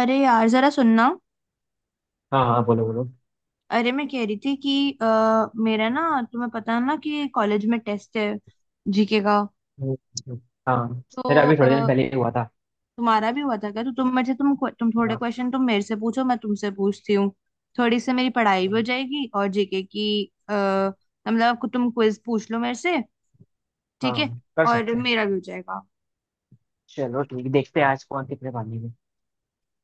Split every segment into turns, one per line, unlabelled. अरे यार, जरा सुनना।
हाँ हाँ, बोलो बोलो।
अरे, मैं कह रही थी कि मेरा ना। तुम्हें पता है ना कि कॉलेज में टेस्ट है जीके का।
हम्म, हाँ।
तो
मेरा अभी थोड़े दिन पहले ही हुआ था।
तुम्हारा भी हुआ था क्या? तो तुम मुझे तुम थोड़े
हाँ
क्वेश्चन तुम मेरे से पूछो, मैं तुमसे पूछती हूँ। थोड़ी सी मेरी पढ़ाई भी हो
हाँ।
जाएगी और जीके की। आ, मतलब तुम क्विज पूछ लो मेरे से। ठीक है।
हाँ, कर
और
सकते हैं।
मेरा भी हो जाएगा।
चलो ठीक, देखते हैं आज कौन कितने पानी में।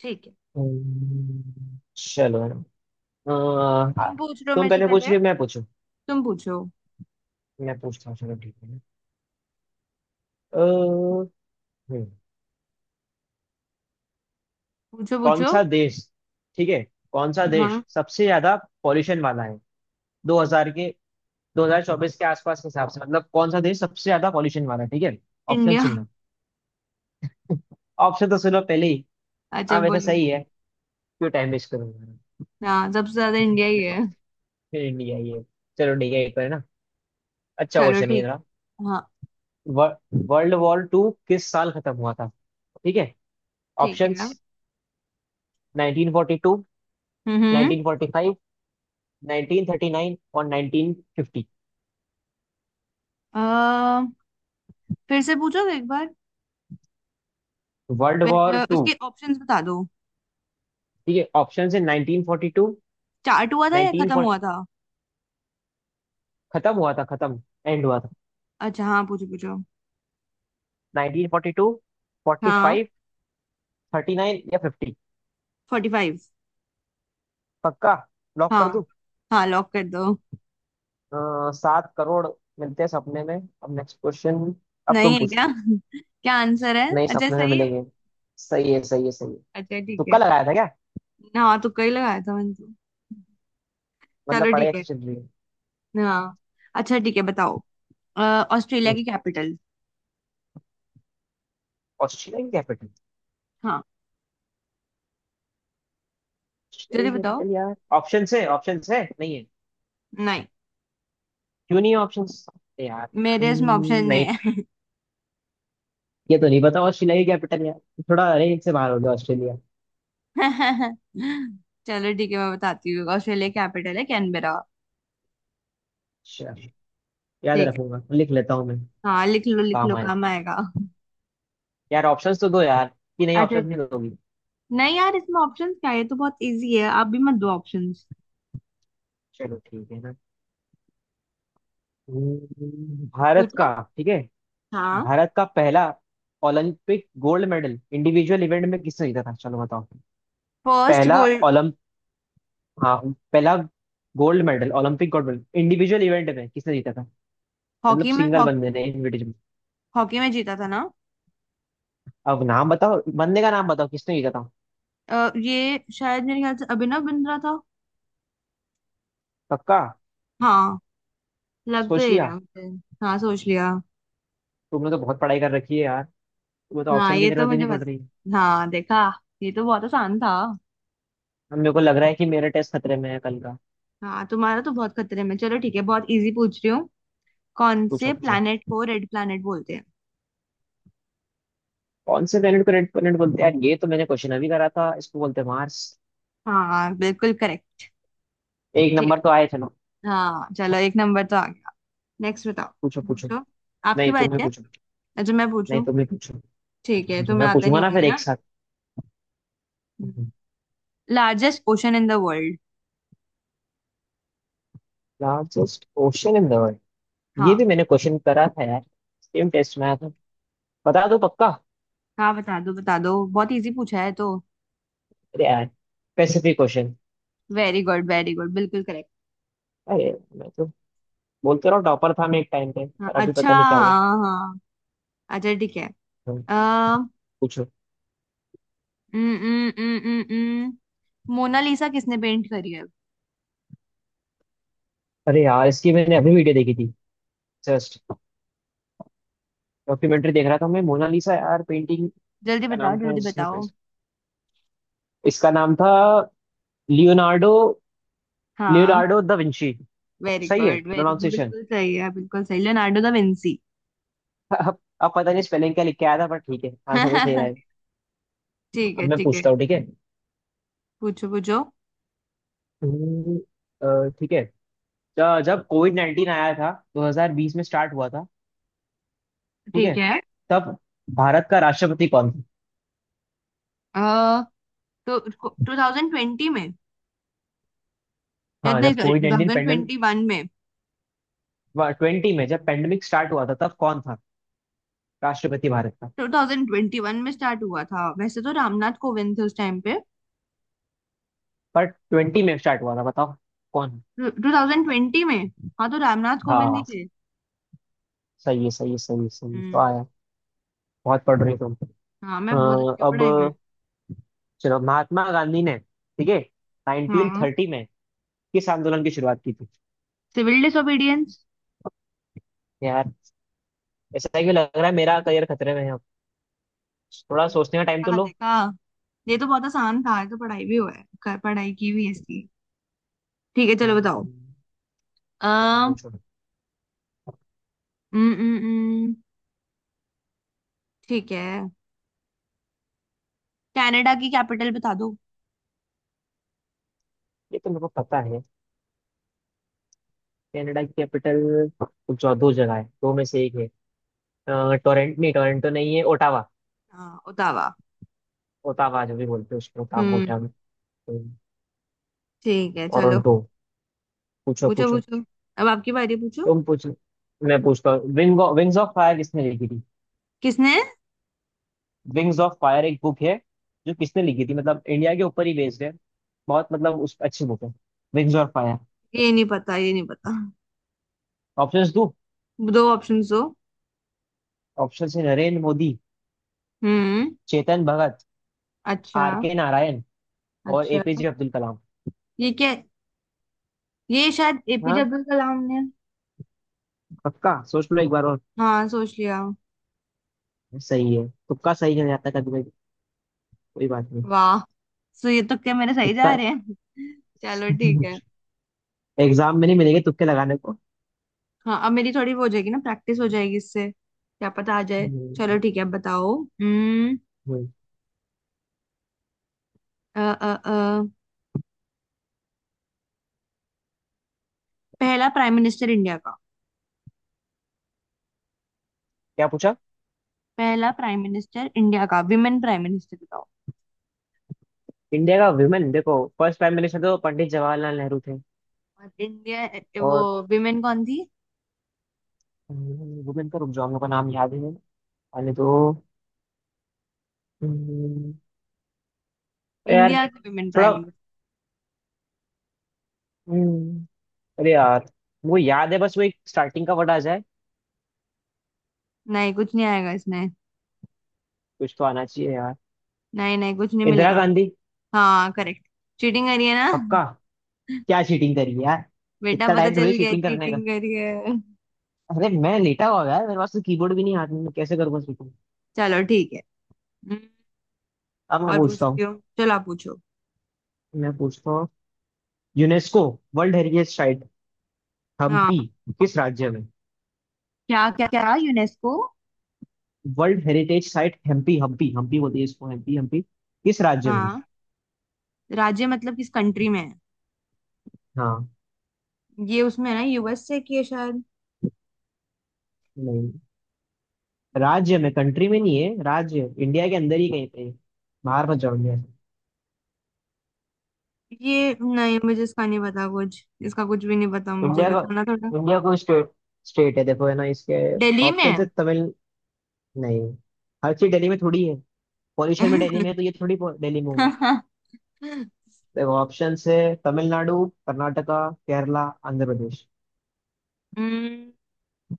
ठीक है।
चलो। अ,
तुम पूछ लो
तुम
मेरे से
पहले पूछ
पहले।
रही हो, मैं पूछूं?
तुम पूछो।
मैं पूछता हूँ, चलो ठीक है। अ, हम्म,
पूछो,
कौन
पूछो।
सा देश, ठीक है। कौन सा
हाँ।
देश सबसे ज्यादा पॉल्यूशन वाला है? 2000 के, 2024 के आसपास के हिसाब से, मतलब कौन सा देश सबसे ज्यादा पॉल्यूशन वाला है? ठीक है। Option
India.
सुनना। ऑप्शन तो सुनो पहले ही।
अच्छा
हाँ, वैसे
बोलो।
सही है। क्यों टाइम वेस्ट करूंगा।
हाँ, सबसे ज्यादा इंडिया ही है।
इंडिया ये। चलो ठीक है एक बार ना। अच्छा
चलो
क्वेश्चन है ये
ठीक।
जरा।
हाँ।
वर्ल्ड वॉर टू किस साल खत्म हुआ था? ठीक है।
ठीक
ऑप्शंस
है।
1942,
हम्म।
1945, 1939 और 1950।
अ, फिर से पूछो एक बार।
वर्ल्ड वॉर टू,
उसके ऑप्शंस बता दो।
ठीक है। ऑप्शन है 1942,
स्टार्ट हुआ था या
19,
खत्म हुआ था?
खत्म हुआ था, खत्म, एंड हुआ था।
अच्छा हाँ, पूछो पूछो।
1942,
हाँ।
45, 39 या 50।
Forty five.
पक्का? लॉक कर
हाँ।
दूं?
हाँ, लॉक कर दो।
7 करोड़ मिलते हैं सपने में। अब नेक्स्ट क्वेश्चन। अब
नहीं
तुम
है क्या?
पूछो।
क्या आंसर है?
नहीं,
अच्छा
सपने में
सही है।
मिलेंगे। सही है, सही है, सही है।
अच्छा ठीक
तुक्का
है।
लगाया था क्या?
हाँ, तुक्का ही लगाया था मैंने तो।
मतलब
चलो
पढ़ाई
ठीक
अच्छी
है।
चल रही है।
हाँ। अच्छा ठीक है, बताओ। अ, ऑस्ट्रेलिया
हम्म,
की कैपिटल?
Australian capital?
हाँ।
ऑस्ट्रेलियन
जल्दी बताओ।
कैपिटल यार, ऑप्शन है? ऑप्शन है नहीं है?
नहीं।
क्यों नहीं है ऑप्शन यार।
मेरे इसमें ऑप्शन
नहीं।
नहीं।
ये तो नहीं पता ऑस्ट्रेलिया की कैपिटल यार। थोड़ा रेंज से बाहर हो गया ऑस्ट्रेलिया।
चलो ठीक है, मैं बताती हूँ। ऑस्ट्रेलिया कैपिटल है कैनबेरा।
अच्छा। याद
ठीक
रखूंगा, लिख लेता हूँ मैं।
है। हाँ, लिख लो लिख
काम
लो,
आए
काम आएगा।
यार, ऑप्शंस तो दो यार। कि नहीं,
अच्छा।
ऑप्शंस नहीं दोगी?
नहीं यार, इसमें ऑप्शंस क्या है, ये तो बहुत इजी है। आप भी मत दो ऑप्शंस।
चलो ठीक है ना। भारत का,
पूछो।
ठीक है।
हाँ।
भारत का पहला Olympic gold medal individual event में किसने जीता था? चलो बताओ।
फर्स्ट
पहला
गोल्ड।
ओलंप हाँ, पहला gold medal, Olympic gold medal individual event में किसने जीता था? मतलब
हॉकी में,
सिंगल
हॉकी।
बंदे ने, इंडिविजुअल।
हॉकी में जीता था ना।
अब नाम बताओ, बंदे का नाम बताओ, किसने जीता था?
ये शायद मेरे ख्याल से अभिनव बिंद्रा था।
पक्का?
हाँ, लग तो
सोच
यही रहा
लिया?
है मुझे। हाँ, सोच लिया।
तुमने तो बहुत पढ़ाई कर रखी है यार। तुम्हें तो
हाँ,
ऑप्शन की
ये तो
जरूरत ही
मुझे
नहीं पड़ रही है।
पता। हाँ देखा, ये तो बहुत आसान था।
अब मेरे को लग रहा है कि मेरा टेस्ट खतरे में है कल का।
हाँ, तुम्हारा तो बहुत खतरे में। चलो ठीक है, बहुत इजी पूछ रही हूँ। कौन
पूछो
से
पूछो।
प्लैनेट को रेड प्लैनेट बोलते हैं?
कौन से प्लेनेट को रेड प्लेनेट बोलते हैं? यार ये तो मैंने क्वेश्चन अभी करा था। इसको बोलते हैं मार्स।
हाँ, बिल्कुल करेक्ट।
एक
ठीक।
नंबर तो आए चलो।
हाँ, चलो एक नंबर तो आ गया। नेक्स्ट बताओ।
पूछो पूछो।
पूछो। आपकी
नहीं, तुम्हें
बारी है।
पूछो।
अच्छा, मैं
नहीं,
पूछूं?
तुम ही पूछो।
ठीक है,
पूछो, मैं
तुम्हें आते
पूछूंगा
नहीं
ना फिर
होंगे
एक
ना।
साथ।
Largest ocean in the world.
Largest ocean in the world. ये
हाँ।
भी मैंने क्वेश्चन करा था यार। सेम टेस्ट में आया था। बता दो पक्का।
हाँ, बता दो बता दो, बहुत इजी पूछा है तो।
अरे यार, Pacific Ocean.
Very good very good, बिल्कुल करेक्ट।
अरे, मैं तो, बोलते रहो, टॉपर था मैं एक टाइम पे,
हाँ
पर अभी
अच्छा,
पता नहीं क्या हुआ।
हाँ हाँ। अच्छा ठीक है।
हम्म,
आ,
पूछो।
न, न, न, न, मोनालिसा किसने पेंट करी है?
अरे यार, इसकी मैंने अभी वीडियो देखी थी। जस्ट डॉक्यूमेंट्री देख रहा था मैं, मोनालिसा यार, पेंटिंग
जल्दी
का
बताओ,
नाम था
जल्दी
जिसने,
बताओ।
इसका नाम था लियोनार्डो,
हाँ।
Leonardo da Vinci.
वेरी
सही है
गुड वेरी गुड,
प्रोनाउंसिएशन।
बिल्कुल सही है, बिल्कुल सही। Leonardo da Vinci.
अब पता नहीं स्पेलिंग क्या लिख के आया था, पर ठीक है आंसर तो सही रहा है।
ठीक
अब
है
मैं
ठीक है।
पूछता हूँ, ठीक है।
पूछो पूछो।
हम्म, ठीक है। जब कोविड नाइन्टीन आया था, 2020 में स्टार्ट हुआ था, ठीक
ठीक
है,
है।
तब भारत का राष्ट्रपति कौन था?
अह तो 2020 में, या
हाँ,
नहीं
जब कोविड नाइन्टीन पेंडेमिक,
2021 में?
ट्वेंटी में जब पेंडेमिक स्टार्ट हुआ था तब कौन था राष्ट्रपति भारत का?
2021 में स्टार्ट हुआ था वैसे तो, रामनाथ कोविंद थे उस टाइम पे।
पर ट्वेंटी में स्टार्ट हुआ था, बताओ कौन?
2020 में, हाँ तो रामनाथ कोविंद ही
हाँ।
थे।
सही है, सही है, सही है, सही है,
हम्म।
वाह यार। बहुत पढ़ रही तुम।
हाँ, मैं बहुत
अ,
अच्छी हूँ
अब,
पढ़ाई में।
चलो, महात्मा गांधी ने, ठीक है,
हाँ,
1930 में किस आंदोलन की शुरुआत की थी?
सिविल डिsobedience।
यार ऐसा क्यों लग रहा है मेरा करियर खतरे में है अब। थोड़ा सोचने का टाइम तो
हाँ
लो।
देखा, ये तो बहुत आसान था, ये तो पढ़ाई भी हुआ है पढ़ाई की भी है इसकी। ठीक है, चलो बताओ।
हम्म, ये तो
हम्म।
पूछो।
हम्म। ठीक है। कनाडा की कैपिटल बता दो।
ये तो मेरे को पता है। कनाडा की कैपिटल, जो दो जगह है दो में से एक है। अ, टोरंट नहीं, टोरंटो नहीं है, ओटावा।
हाँ, ओटावा।
ओटावा, जो भी बोलते हैं उसको, ओटावा
हम्म।
ओटावा।
ठीक है, चलो।
टोरंटो। पूछो
पूछो
पूछो।
पूछो। अब आपकी बारी, पूछो।
तुम पूछो। मैं पूछता हूँ विंग्स ऑफ फायर किसने लिखी थी?
किसने?
विंग्स ऑफ फायर एक बुक है, जो किसने लिखी थी, मतलब इंडिया के ऊपर ही बेस्ड है। बहुत, मतलब उस, अच्छी बुक है विंग्स ऑफ फायर।
ये नहीं पता, ये नहीं पता।
ऑप्शंस,
दो ऑप्शन दो।
ऑप्शन है नरेंद्र मोदी,
हम्म।
चेतन भगत,
अच्छा।
आर के नारायण और
अच्छा।
एपीजे अब्दुल कलाम।
ये क्या? ये शायद एपीजे
हाँ।
अब्दुल कलाम ने।
पक्का? सोच लो एक बार और।
हाँ, सोच लिया।
सही है, तुक्का सही नहीं आता कभी कभी, कोई बात नहीं,
वाह। सो ये तो क्या मेरे सही
तुक्का।
जा रहे हैं। चलो ठीक है।
एग्जाम में नहीं मिलेंगे तुक्के लगाने को।
हाँ, अब मेरी थोड़ी वो हो जाएगी ना, प्रैक्टिस हो जाएगी इससे, क्या पता आ जाए। चलो
हम्म,
ठीक है, अब बताओ। हम्म।
हम्म।
अ, अ, अ, पहला प्राइम मिनिस्टर इंडिया का।
क्या पूछा?
पहला प्राइम मिनिस्टर इंडिया का विमेन प्राइम मिनिस्टर बताओ।
इंडिया का वुमेन, देखो, फर्स्ट प्राइम मिनिस्टर तो पंडित जवाहरलाल नेहरू थे।
और इंडिया वो
और
विमेन कौन थी?
वुमेन का, रुक जाओ, हम लोग का नाम याद है। अरे तो, हम्म, अरे यार,
इंडिया की विमेन
थोड़ा,
प्राइम मिनिस्टर।
हम्म, अरे यार, वो याद है, बस वो एक स्टार्टिंग का वर्ड आ जाए।
नहीं कुछ नहीं आएगा इसमें।
कुछ तो आना चाहिए यार।
नहीं नहीं, कुछ नहीं
इंदिरा
मिलेगा।
गांधी।
हाँ, करेक्ट। चीटिंग करी है ना?
पक्का। क्या चीटिंग करी है यार?
बेटा,
इतना
पता
टाइम
चल
थोड़ी
गया
चीटिंग करने का।
चीटिंग करी है।
अरे मैं लेटा हुआ हूँ यार, मेरे पास तो कीबोर्ड भी नहीं हाथ में, मैं कैसे करूंगा चीटिंग?
चलो ठीक है। हम्म।
अब मैं
और
पूछता हूँ।
पूछती हूँ, चलो आप पूछो।
मैं पूछता हूँ, UNESCO world heritage site Hampi,
हाँ।
किस राज्य में?
क्या क्या क्या, UNESCO.
World heritage site Hampi, Hampi Hampi बोलती है इसको, हम्पी हम्पी, किस राज्य में?
हाँ, राज्य मतलब किस कंट्री में है?
हाँ।
ये उसमें है ना, यूएसए की है शायद।
नहीं, राज्य में, कंट्री में नहीं है, राज्य इंडिया के अंदर ही कहीं पे है। बाहर मत जाओ इंडिया से।
ये नहीं, मुझे इसका नहीं पता, कुछ इसका कुछ भी नहीं पता मुझे,
इंडिया का,
बताना थोड़ा।
इंडिया को स्टेट, स्टेट है, देखो है ना इसके,
दिल्ली
ऑप्शन है
में।
तमिल, नहीं। हर चीज दिल्ली में थोड़ी है। पॉल्यूशन भी दिल्ली में है तो ये थोड़ी दिल्ली में होगा।
हम्म।
देखो, ऑप्शन है तमिलनाडु, कर्नाटका, केरला, आंध्र प्रदेश,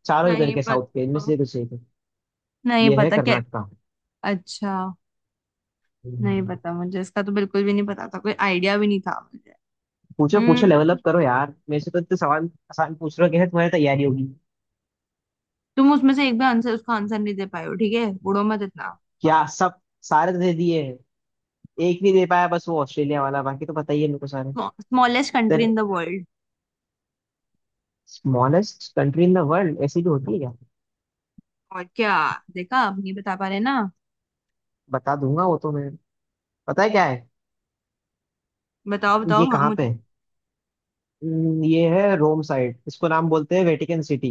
चारों उधर
नहीं
के साउथ के, इनमें
पता।
से कुछ एक है।
नहीं
ये है
पता क्या।
कर्नाटका।
अच्छा। नहीं
हम्म।
पता मुझे इसका, तो बिल्कुल भी नहीं पता था, कोई आइडिया भी नहीं था मुझे।
पूछो पूछो, लेवल
हम्म।
अप करो यार, मेरे से तो इतने सवाल आसान पूछ रहे हो, कैसे तुम्हारी तैयारी होगी?
तुम उसमें से एक भी आंसर, उसका आंसर नहीं दे पाए हो ठीक है, बुड़ो मत इतना।
क्या, सब सारे तो दे दिए हैं। एक नहीं दे पाया बस वो ऑस्ट्रेलिया वाला, बाकी तो पता ही है मेरे को सारे।
Smallest country
then,
in the world.
Smallest country in the world ऐसी भी होती है क्या?
और क्या। देखा, आप नहीं बता पा रहे ना।
बता दूंगा वो तो मैं, पता है क्या है।
बताओ बताओ,
ये
हाँ
कहाँ पे
मुझे।
है? ये है रोम साइड, इसको नाम बोलते हैं वेटिकन सिटी।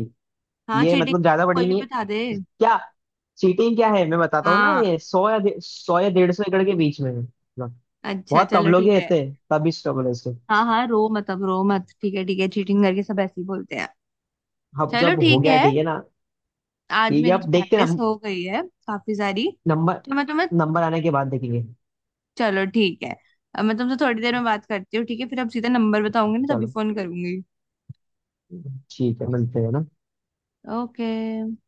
हाँ,
ये
चीटिंग।
मतलब ज्यादा बड़ी
कोई भी
नहीं है।
बता दे।
क्या? सिटी क्या है, मैं बताता हूँ ना,
हाँ,
ये सौ या सौ या 150 एकड़ के बीच में है मतलब।
अच्छा
बहुत कम
चलो
लोग ही
ठीक है।
रहते हैं, तभी स्ट्रगल है इसको।
हाँ हाँ, रो मत, अब रो मत, ठीक है ठीक है, चीटिंग करके सब ऐसे ही बोलते हैं।
अब
चलो
जब हो
ठीक
गया,
है।
ठीक है ना।
आज
ठीक है,
मेरी तो
अब देखते हैं
प्रैक्टिस हो गई है काफी सारी,
नंबर।
तो मैं तुम्हें।
नंबर आने के बाद देखेंगे।
चलो ठीक है। अब मैं तुमसे थोड़ी देर में बात करती हूँ, ठीक है? फिर अब सीधा नंबर बताऊंगी ना तभी
चलो
फोन करूंगी।
ठीक है, मिलते हैं ना।
ओके।